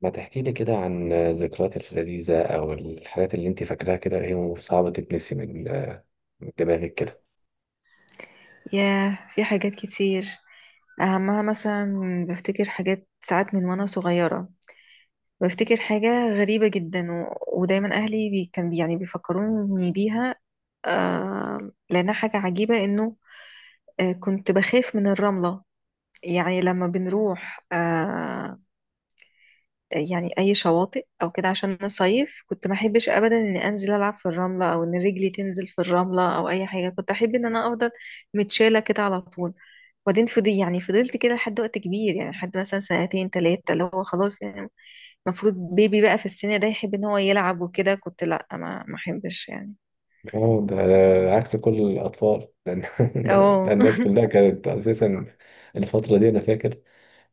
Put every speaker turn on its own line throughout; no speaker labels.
ما تحكي لي كده عن ذكرياتك اللذيذة أو الحاجات اللي أنت فاكراها كده، هي صعبة تتنسي من دماغك كده؟
ياه، في حاجات كتير. أهمها مثلا بفتكر حاجات ساعات من وأنا صغيرة. بفتكر حاجة غريبة جدا ودايما أهلي بي... كان بي... يعني بيفكروني بيها. لأنها حاجة عجيبة إنه كنت بخاف من الرملة. يعني لما بنروح يعني أي شواطئ أو كده عشان نصيف، كنت ما أحبش أبدا إني أنزل ألعب في الرملة أو إن رجلي تنزل في الرملة أو أي حاجة. كنت أحب إن أنا أفضل متشالة كده على طول. وبعدين فضي يعني فضلت كده لحد وقت كبير، يعني لحد مثلا سنتين تلاتة، اللي هو خلاص يعني المفروض بيبي بقى في السن ده يحب ان هو يلعب وكده، كنت لا، ما احبش يعني.
أه، ده عكس كل الأطفال ده، ده
اه.
الناس كلها كانت أساسا الفترة دي أنا فاكر،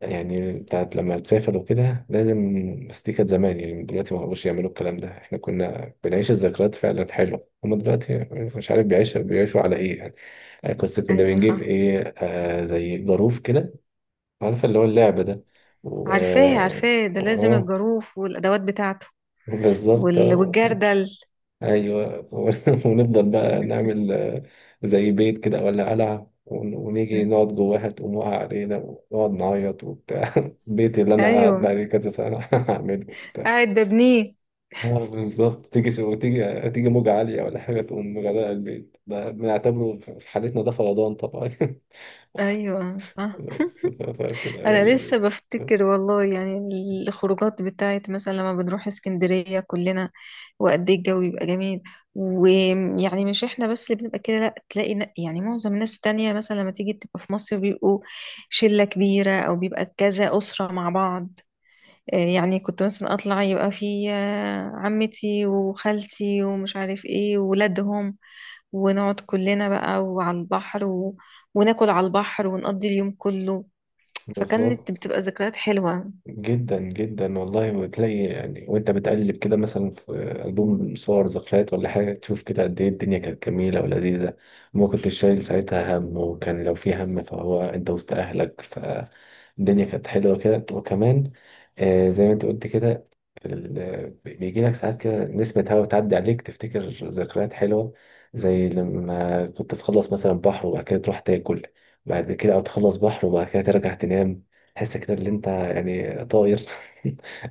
يعني بتاعت لما تسافر وكده لازم. بس دي كانت زمان، يعني دلوقتي ما بقوش يعملوا الكلام ده، إحنا كنا بنعيش الذكريات فعلا حلوة. هما دلوقتي مش عارف بيعيشوا على إيه يعني. بس كنا
ايوه
بنجيب
صح.
إيه، آه، زي جاروف كده، عارفة اللي هو اللعبة ده. و
عارفاه عارفاه، ده لازم
اه
الجاروف والادوات بتاعته.
بالظبط اه.
والجردل.
ايوه ونفضل بقى نعمل زي بيت كده ولا قلعة، ونيجي نقعد جواها، تقوم واقع علينا، ونقعد نعيط وبتاع. البيت اللي انا
ايوه.
قاعد بقالي كذا سنة هعمله وبتاع.
قاعد ببنيه.
اه بالظبط. تيجي شو تيجي تيجي موجة عالية ولا حاجة، تقوم مغرقة البيت ده، بنعتبره في حالتنا ده فيضان طبعا.
ايوه صح.
بس فبتبقى
انا لسه
يعني
بفتكر والله، يعني الخروجات بتاعت مثلا لما بنروح اسكندرية كلنا، وقد ايه الجو بيبقى جميل. ويعني مش احنا بس اللي بنبقى كده، لا، تلاقي معظم الناس التانية مثلا لما تيجي تبقى في مصر بيبقوا شلة كبيرة او بيبقى كذا أسرة مع بعض. يعني كنت مثلا اطلع يبقى في عمتي وخالتي ومش عارف ايه وولادهم، ونقعد كلنا بقى وعلى البحر، وناكل على البحر ونقضي اليوم كله. فكانت
بالظبط.
بتبقى ذكريات حلوة.
جدا جدا والله، وتلاقي يعني وانت بتقلب كده مثلا في ألبوم صور ذكريات ولا حاجة، تشوف كده قد ايه الدنيا كانت جميلة ولذيذة، وما كنتش شايل ساعتها هم، وكان لو في هم فهو انت وسط أهلك، فالدنيا كانت حلوة كده. وكمان، آه، زي ما انت قلت كده، بيجي لك ساعات كده نسمة هوا تعدي عليك، تفتكر ذكريات حلوة، زي لما كنت تخلص مثلا بحر وبعد كده تروح تاكل بعد كده، او تخلص بحر وبعد كده ترجع تنام، تحس كده اللي انت يعني طاير.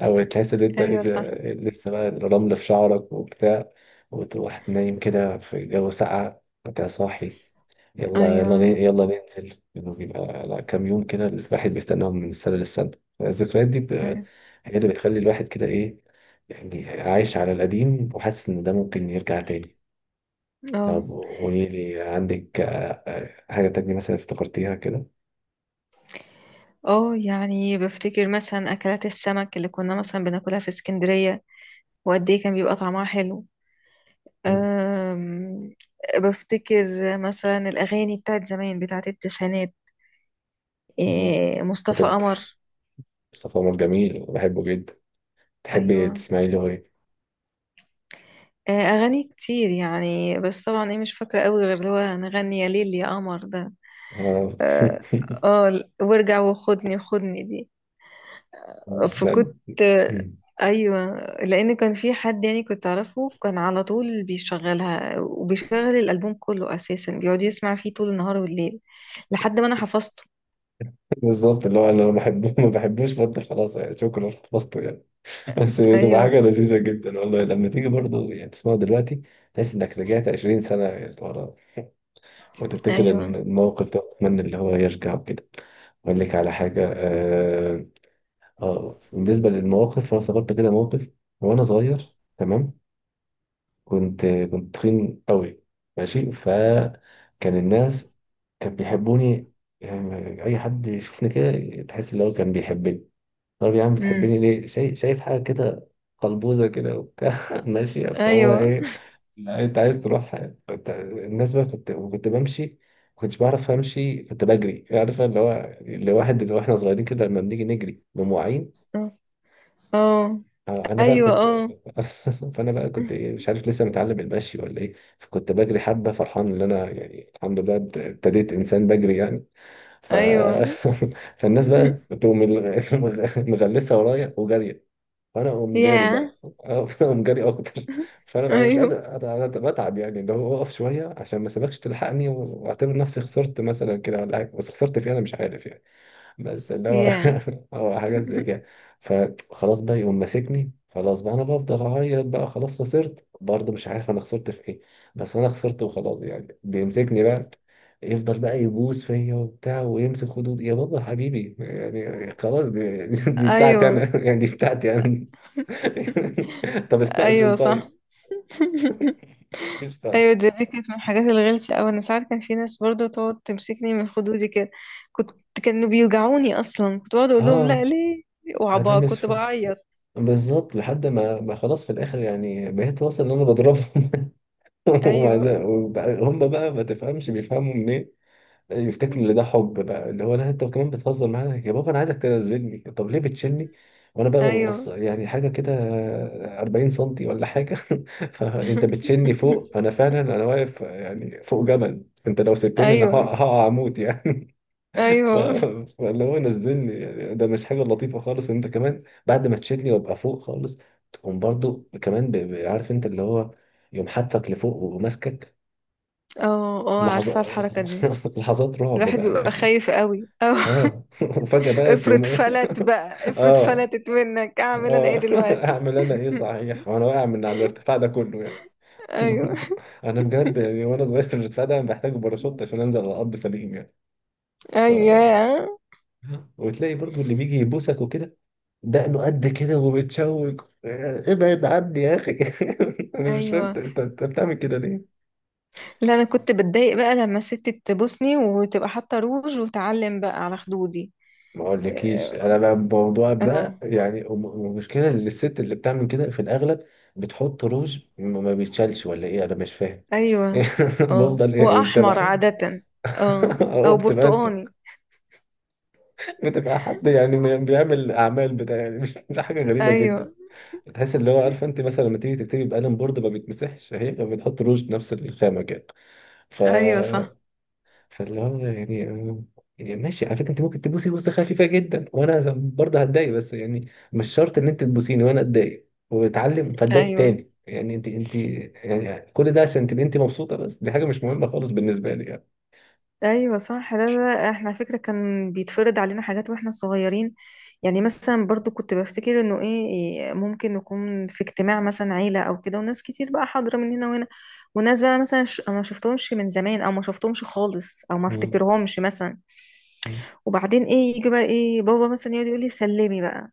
او تحس ان انت
ايوه صح.
لسه بقى الرمل في شعرك وبتاع، وتروح نايم كده في جو ساقع وكده صاحي. يلا
ايوه.
يلا يلا ننزل، انه بيبقى لا، كام يوم كده الواحد بيستناهم من السنة للسنة. الذكريات دي
ايوه.
هي اللي بتخلي الواحد كده ايه، يعني عايش على القديم وحاسس ان ده ممكن يرجع تاني.
اه.
طب قولي لي، عندك حاجة تانية مثلا افتكرتيها كده؟
اه يعني بفتكر مثلا اكلات السمك اللي كنا مثلا بناكلها في اسكندرية، وقد ايه كان بيبقى طعمها حلو.
مم.
أم بفتكر مثلا الاغاني بتاعت زمان، بتاعت التسعينات. إيه،
كنت
مصطفى
بت-
قمر.
مصطفى عمر جميل، بحبه جدا.
ايوه.
تحبي تسمعي له ايه؟
اغاني كتير يعني، بس طبعا ايه، مش فاكرة قوي غير اللي هو نغني يا ليل يا قمر ده.
آه.
اه، وارجع وخدني خدني دي.
لا،
فكنت
مم.
ايوه، لان كان في حد يعني كنت اعرفه كان على طول بيشغلها، وبيشغل الالبوم كله اساسا، بيقعد يسمع فيه طول النهار والليل لحد ما انا حفظته.
بالظبط، اللي هو انا لو بحبه ما بحبوش برضه، خلاص يعني شكرا خلصته يعني. بس بتبقى
ايوه
حاجه
صح.
لذيذه جدا والله لما تيجي برضه يعني تسمعه دلوقتي، تحس انك رجعت 20 سنه ورا، وتفتكر ان
ايوه.
الموقف ده وتتمنى اللي هو يرجع وكده. اقول لك على حاجه، اه، آه، بالنسبه للمواقف انا افتكرت كده موقف. وانا صغير تمام، كنت تخين قوي ماشي، فكان الناس كان بيحبوني، يعني اي حد يشوفني كده تحس ان هو كان بيحبني. طب يا عم بتحبني
امم.
ليه؟ شايف حاجه كده قلبوزه كده وبتاع ماشيه، فهو
ايوه.
ايه، لا انت عايز تروح. الناس بقى، كنت بمشي ما كنتش بعرف امشي، كنت بجري، عارفه اللي هو اللي واحد اللي واحنا صغيرين كده لما بنيجي نجري بمواعين.
اه.
اه انا بقى
ايوه.
كنت
اه.
فانا بقى كنت ايه، مش عارف لسه متعلم المشي ولا ايه. فكنت بجري حبه فرحان ان انا يعني الحمد لله ابتديت انسان بجري يعني. ف...
ايوه.
فالناس بقى تقوم مغلسه ورايا وجاريه، فانا اقوم جاري
يا.
بقى. اه فانا اقوم جاري اكتر. فانا بقى أنا مش
ايوه.
قادر، انا بتعب يعني، اللي هو اقف شويه عشان ما سيبكش تلحقني، واعتبر نفسي خسرت مثلا كده ولا حاجه، بس خسرت فيها انا مش عارف يعني، بس اللي هو
يا.
هو حاجات زي كده. فخلاص بقى يقوم ماسكني، خلاص بقى انا بفضل اعيط بقى، خلاص خسرت برضه، مش عارف انا خسرت في ايه، بس انا خسرت وخلاص يعني. بيمسكني بقى يفضل بقى يبوس فيا وبتاع ويمسك خدود، يا بابا حبيبي، يعني خلاص دي بتاعتي
ايوه.
انا يعني دي بتاعتي انا. طب استأذن
ايوه صح.
طيب، مش
ايوه
خالص.
دي كانت من الحاجات الغلسه اوي. انا ساعات كان في ناس برضو تقعد تمسكني من خدودي كده، كنت كانوا بيوجعوني اصلا. كنت بقعد اقول لهم لا
اه
ليه،
انا
وعبا
مش
كنت
فاهم،
بعيط.
بالظبط لحد ما خلاص في الاخر يعني بقيت واصل ان انا بضربهم،
ايوه.
هم بقى ما تفهمش، بيفهموا منين؟ يفتكروا ان ده حب، بقى اللي هو لا انت كمان بتهزر معايا يا بابا، انا عايزك تنزلني، طب ليه بتشيلني؟ وانا بقى ببص،
ايوه.
يعني حاجه كده 40 سنتي ولا حاجه فانت بتشيلني فوق، انا فعلا انا واقف يعني فوق جبل، انت لو سبتني انا
ايوه.
هقع اموت يعني. ف...
ايوه.
فاللي هو نزلني، يعني ده مش حاجه لطيفه خالص. انت كمان بعد ما تشيلني وابقى فوق خالص، تقوم برضو كمان عارف انت اللي هو يقوم حاطك لفوق وماسكك.
اه اه، عارفه
لحظات،
الحركه دي.
لحظات رعب
الواحد
بقى
بيبقى
يعني.
خايف قوي أو
اه وفجأة بقى تقوم
افرض
ايه؟
فلت بقى، افرض
اه
فلتت منك، اعمل انا ايه
اه
دلوقتي؟
اعمل انا ايه صحيح وانا واقع من على الارتفاع ده كله يعني.
ايوه.
انا بجد يعني، وانا صغير في الارتفاع ده محتاج باراشوت عشان انزل على الارض سليم يعني. ف...
ايوه.
وتلاقي برضو اللي بيجي يبوسك وكده، دقنه قد كده ومتشوك، ابعد عني يا اخي. انا مش فاهم، انت
ايوه،
انت أنت بتعمل كده؟
لا، انا كنت بتضايق بقى لما الست تبوسني وتبقى حاطه روج وتعلم بقى على خدودي.
ما اقولكيش انا بقى الموضوع
اه.
ده يعني، المشكله ان الست اللي بتعمل كده في الاغلب بتحط روج ما بيتشالش ولا ايه؟ انا مش فاهم.
ايوه. اه
بفضل يعني انت
واحمر
بقى
عاده. اه،
اه
او
بتبقى انت،
برتقاني.
بتبقى حد يعني بيعمل اعمال بتاع يعني، مش مش حاجه غريبه
ايوه.
جدا. تحس اللي هو، عارفه انت مثلا لما تيجي تكتبي بقلم بورد ما بيتمسحش، هي بتحط روج نفس الخامه كده. ف
ايوه صح.
فاللي هو يعني، يعني ماشي، على فكره انت ممكن تبوسي بوسه خفيفه جدا وانا برضه هتضايق، بس يعني مش شرط ان انت تبوسيني وانا اتضايق واتعلم فاتضايق
ايوه.
تاني، يعني انت يعني كل ده عشان تبقي انت مبسوطه، بس دي حاجه مش مهمه خالص بالنسبه لي يعني.
ايوه صح. لا، احنا على فكره كان بيتفرض علينا حاجات واحنا صغيرين. يعني مثلا برضو كنت بفتكر انه ايه إيه، ممكن نكون في اجتماع مثلا عيله او كده وناس كتير بقى حاضره من هنا وهنا، وناس بقى مثلا ما شفتهمش من زمان او ما شفتهمش خالص او ما
مم.
افتكرهمش مثلا.
مم.
وبعدين ايه، يجي بقى ايه بابا مثلا يقعد يقول لي سلمي بقى،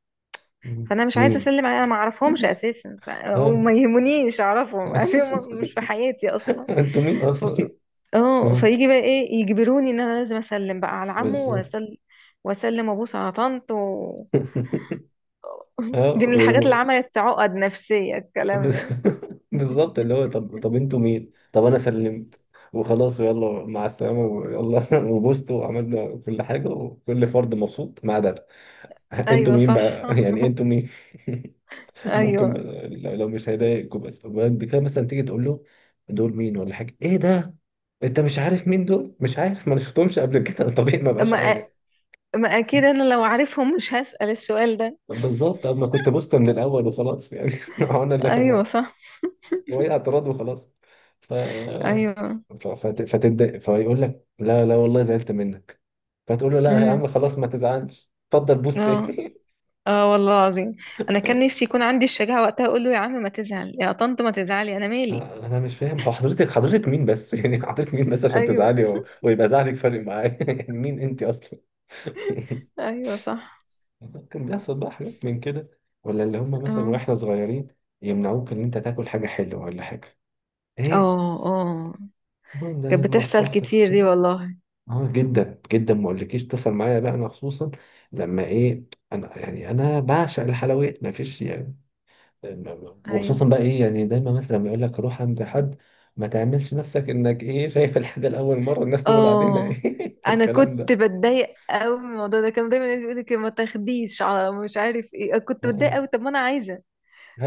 مم.
فانا مش عايزه
مين؟
اسلم عليه، انا ما اعرفهمش اساسا
اه
وما يهمنيش اعرفهم، يعني هم مش في حياتي اصلا.
انتوا مين
ف...
اصلي؟
اه،
اه
فيجي بقى ايه يجبروني ان انا لازم اسلم بقى على عمه،
بالظبط
واسلم واسلم وابوس على طنط. دي من الحاجات اللي
اه.
عملت عقد نفسيه الكلام
بس-
ده.
بالظبط، اللي هو طب طب انتوا مين؟ طب انا سلمت وخلاص، ويلا مع السلامه ويلا وبوست وعملنا كل حاجه، وكل فرد مبسوط ما عدا انا. انتوا
ايوه
مين
صح.
بقى؟ يعني انتوا مين؟ ممكن
ايوه.
بقى، لو مش هيضايقكم، بس طب بعد كده مثلا تيجي تقول له دول مين ولا حاجه، ايه ده؟ انت مش عارف مين دول؟ مش عارف، ما انا شفتهمش قبل كده. طبيعي ما بقاش عارف.
ما ما اكيد انا لو عارفهم مش هسأل السؤال ده.
طب بالظبط، طب ما كنت بوست من الاول وخلاص يعني انا اللي،
ايوه صح.
وهي اعتراض وخلاص. ف
ايوه.
فتتضايق، فيقول لك لا والله زعلت منك، فتقول له لا يا
امم.
عم خلاص ما تزعلش، اتفضل بوس
اه.
تاني.
اه والله العظيم، انا كان نفسي يكون عندي الشجاعه وقتها اقول له يا عم ما تزعل، يا طنط ما تزعلي، انا مالي.
انا مش فاهم، هو حضرتك مين بس؟ يعني حضرتك مين بس عشان
ايوه.
تزعلي ويبقى زعلك فارق معايا؟ يعني مين انت اصلا؟
ايوه صح.
كان بيحصل بقى حاجات من كده، ولا اللي هم مثلا
اه.
واحنا صغيرين يمنعوك ان انت تاكل حاجه حلوه ولا حاجه، ايه،
اه. اه
المهم ده
كانت بتحصل
مصلحتك.
كتير دي والله.
اه جدا جدا، ما اقولكيش اتصل معايا بقى انا خصوصا لما ايه، انا يعني انا بعشق الحلويات ما فيش يعني.
ايوه.
وخصوصا بقى ايه، يعني دايما مثلا لما يقول لك روح عند حد، ما تعملش نفسك انك ايه شايف الحاجه لاول مره، الناس تقول علينا
اه
ايه
انا
والكلام
كنت
ده.
بتضايق قوي من الموضوع ده. كانوا دايما يقولوا لك ما تاخديش على مش عارف ايه.
اه
كنت
اه.
بتضايق قوي، طب ما انا عايزه.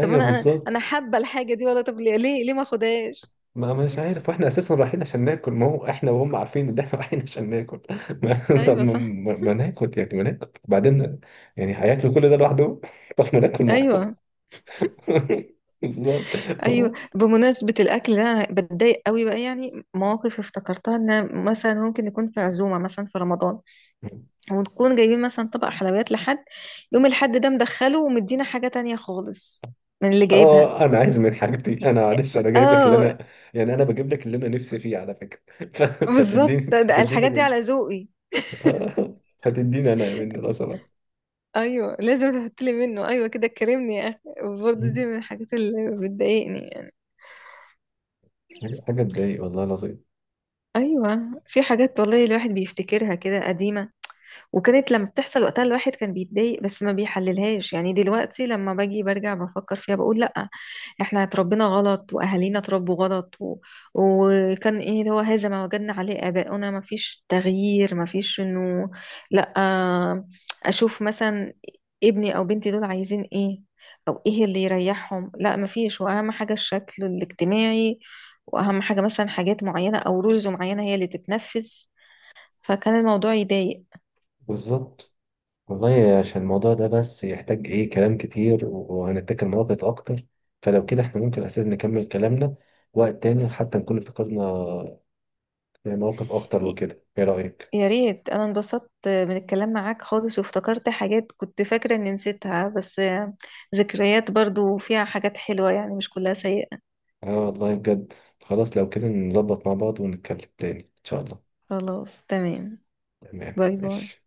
طب ما انا انا
بالظبط.
أنا حابه الحاجه دي والله، طب ليه ما اخدهاش.
ما مش عارف، واحنا اساسا رايحين عشان ناكل، ما هو احنا وهم عارفين ان احنا رايحين عشان ناكل. طب
ايوه
ما,
صح.
ما, ما ناكل يعني، ما ناكل وبعدين يعني هياكلوا كل ده لوحدهم؟ طب ما ناكل.
ايوه.
بالظبط.
ايوه
هو
بمناسبه الاكل ده، انا بتضايق قوي بقى يعني. مواقف افتكرتها ان مثلا ممكن نكون في عزومه مثلا في رمضان، ونكون جايبين مثلا طبق حلويات لحد، يوم الحد ده مدخله ومدينا حاجه تانية خالص من اللي جايبها.
اه، انا عايز من حاجتي انا، معلش انا جايب لك اللي
اه
انا، يعني انا بجيب لك اللي انا نفسي فيه على فكره. ف-
بالظبط،
فتديني
ده
فتديني
الحاجات دي
من
على ذوقي.
آه، فتديني انا من القصب.
ايوه لازم تحط لي منه، ايوه كده كرمني يا اخي. برضه دي من الحاجات اللي بتضايقني يعني.
حاجه تضايق والله العظيم.
ايوه في حاجات والله الواحد بيفتكرها كده قديمه، وكانت لما بتحصل وقتها الواحد كان بيتضايق، بس ما بيحللهاش. يعني دلوقتي لما باجي برجع بفكر فيها بقول لأ، احنا اتربينا غلط واهالينا اتربوا غلط، وكان ايه اللي هو هذا ما وجدنا عليه آباؤنا، ما فيش تغيير، ما فيش انه لأ، اشوف مثلا ابني او بنتي دول عايزين ايه، او ايه اللي يريحهم. لا، ما فيش، واهم حاجة الشكل الاجتماعي، واهم حاجة مثلا حاجات معينة او رولز معينة هي اللي تتنفذ. فكان الموضوع يضايق.
بالظبط. والله عشان الموضوع ده بس يحتاج ايه كلام كتير، وهنتكلم مواقف اكتر، فلو كده احنا ممكن اساسا نكمل كلامنا وقت تاني، حتى نكون افتكرنا مواقف اكتر وكده، ايه رايك؟
يا ريت، انا انبسطت من الكلام معاك خالص وافتكرت حاجات كنت فاكرة اني نسيتها، بس ذكريات برضو فيها حاجات حلوة يعني، مش كلها سيئة.
اه والله بجد. خلاص، لو كده نظبط مع بعض ونتكلم تاني ان شاء الله.
خلاص تمام.
تمام
باي باي.
ماشي.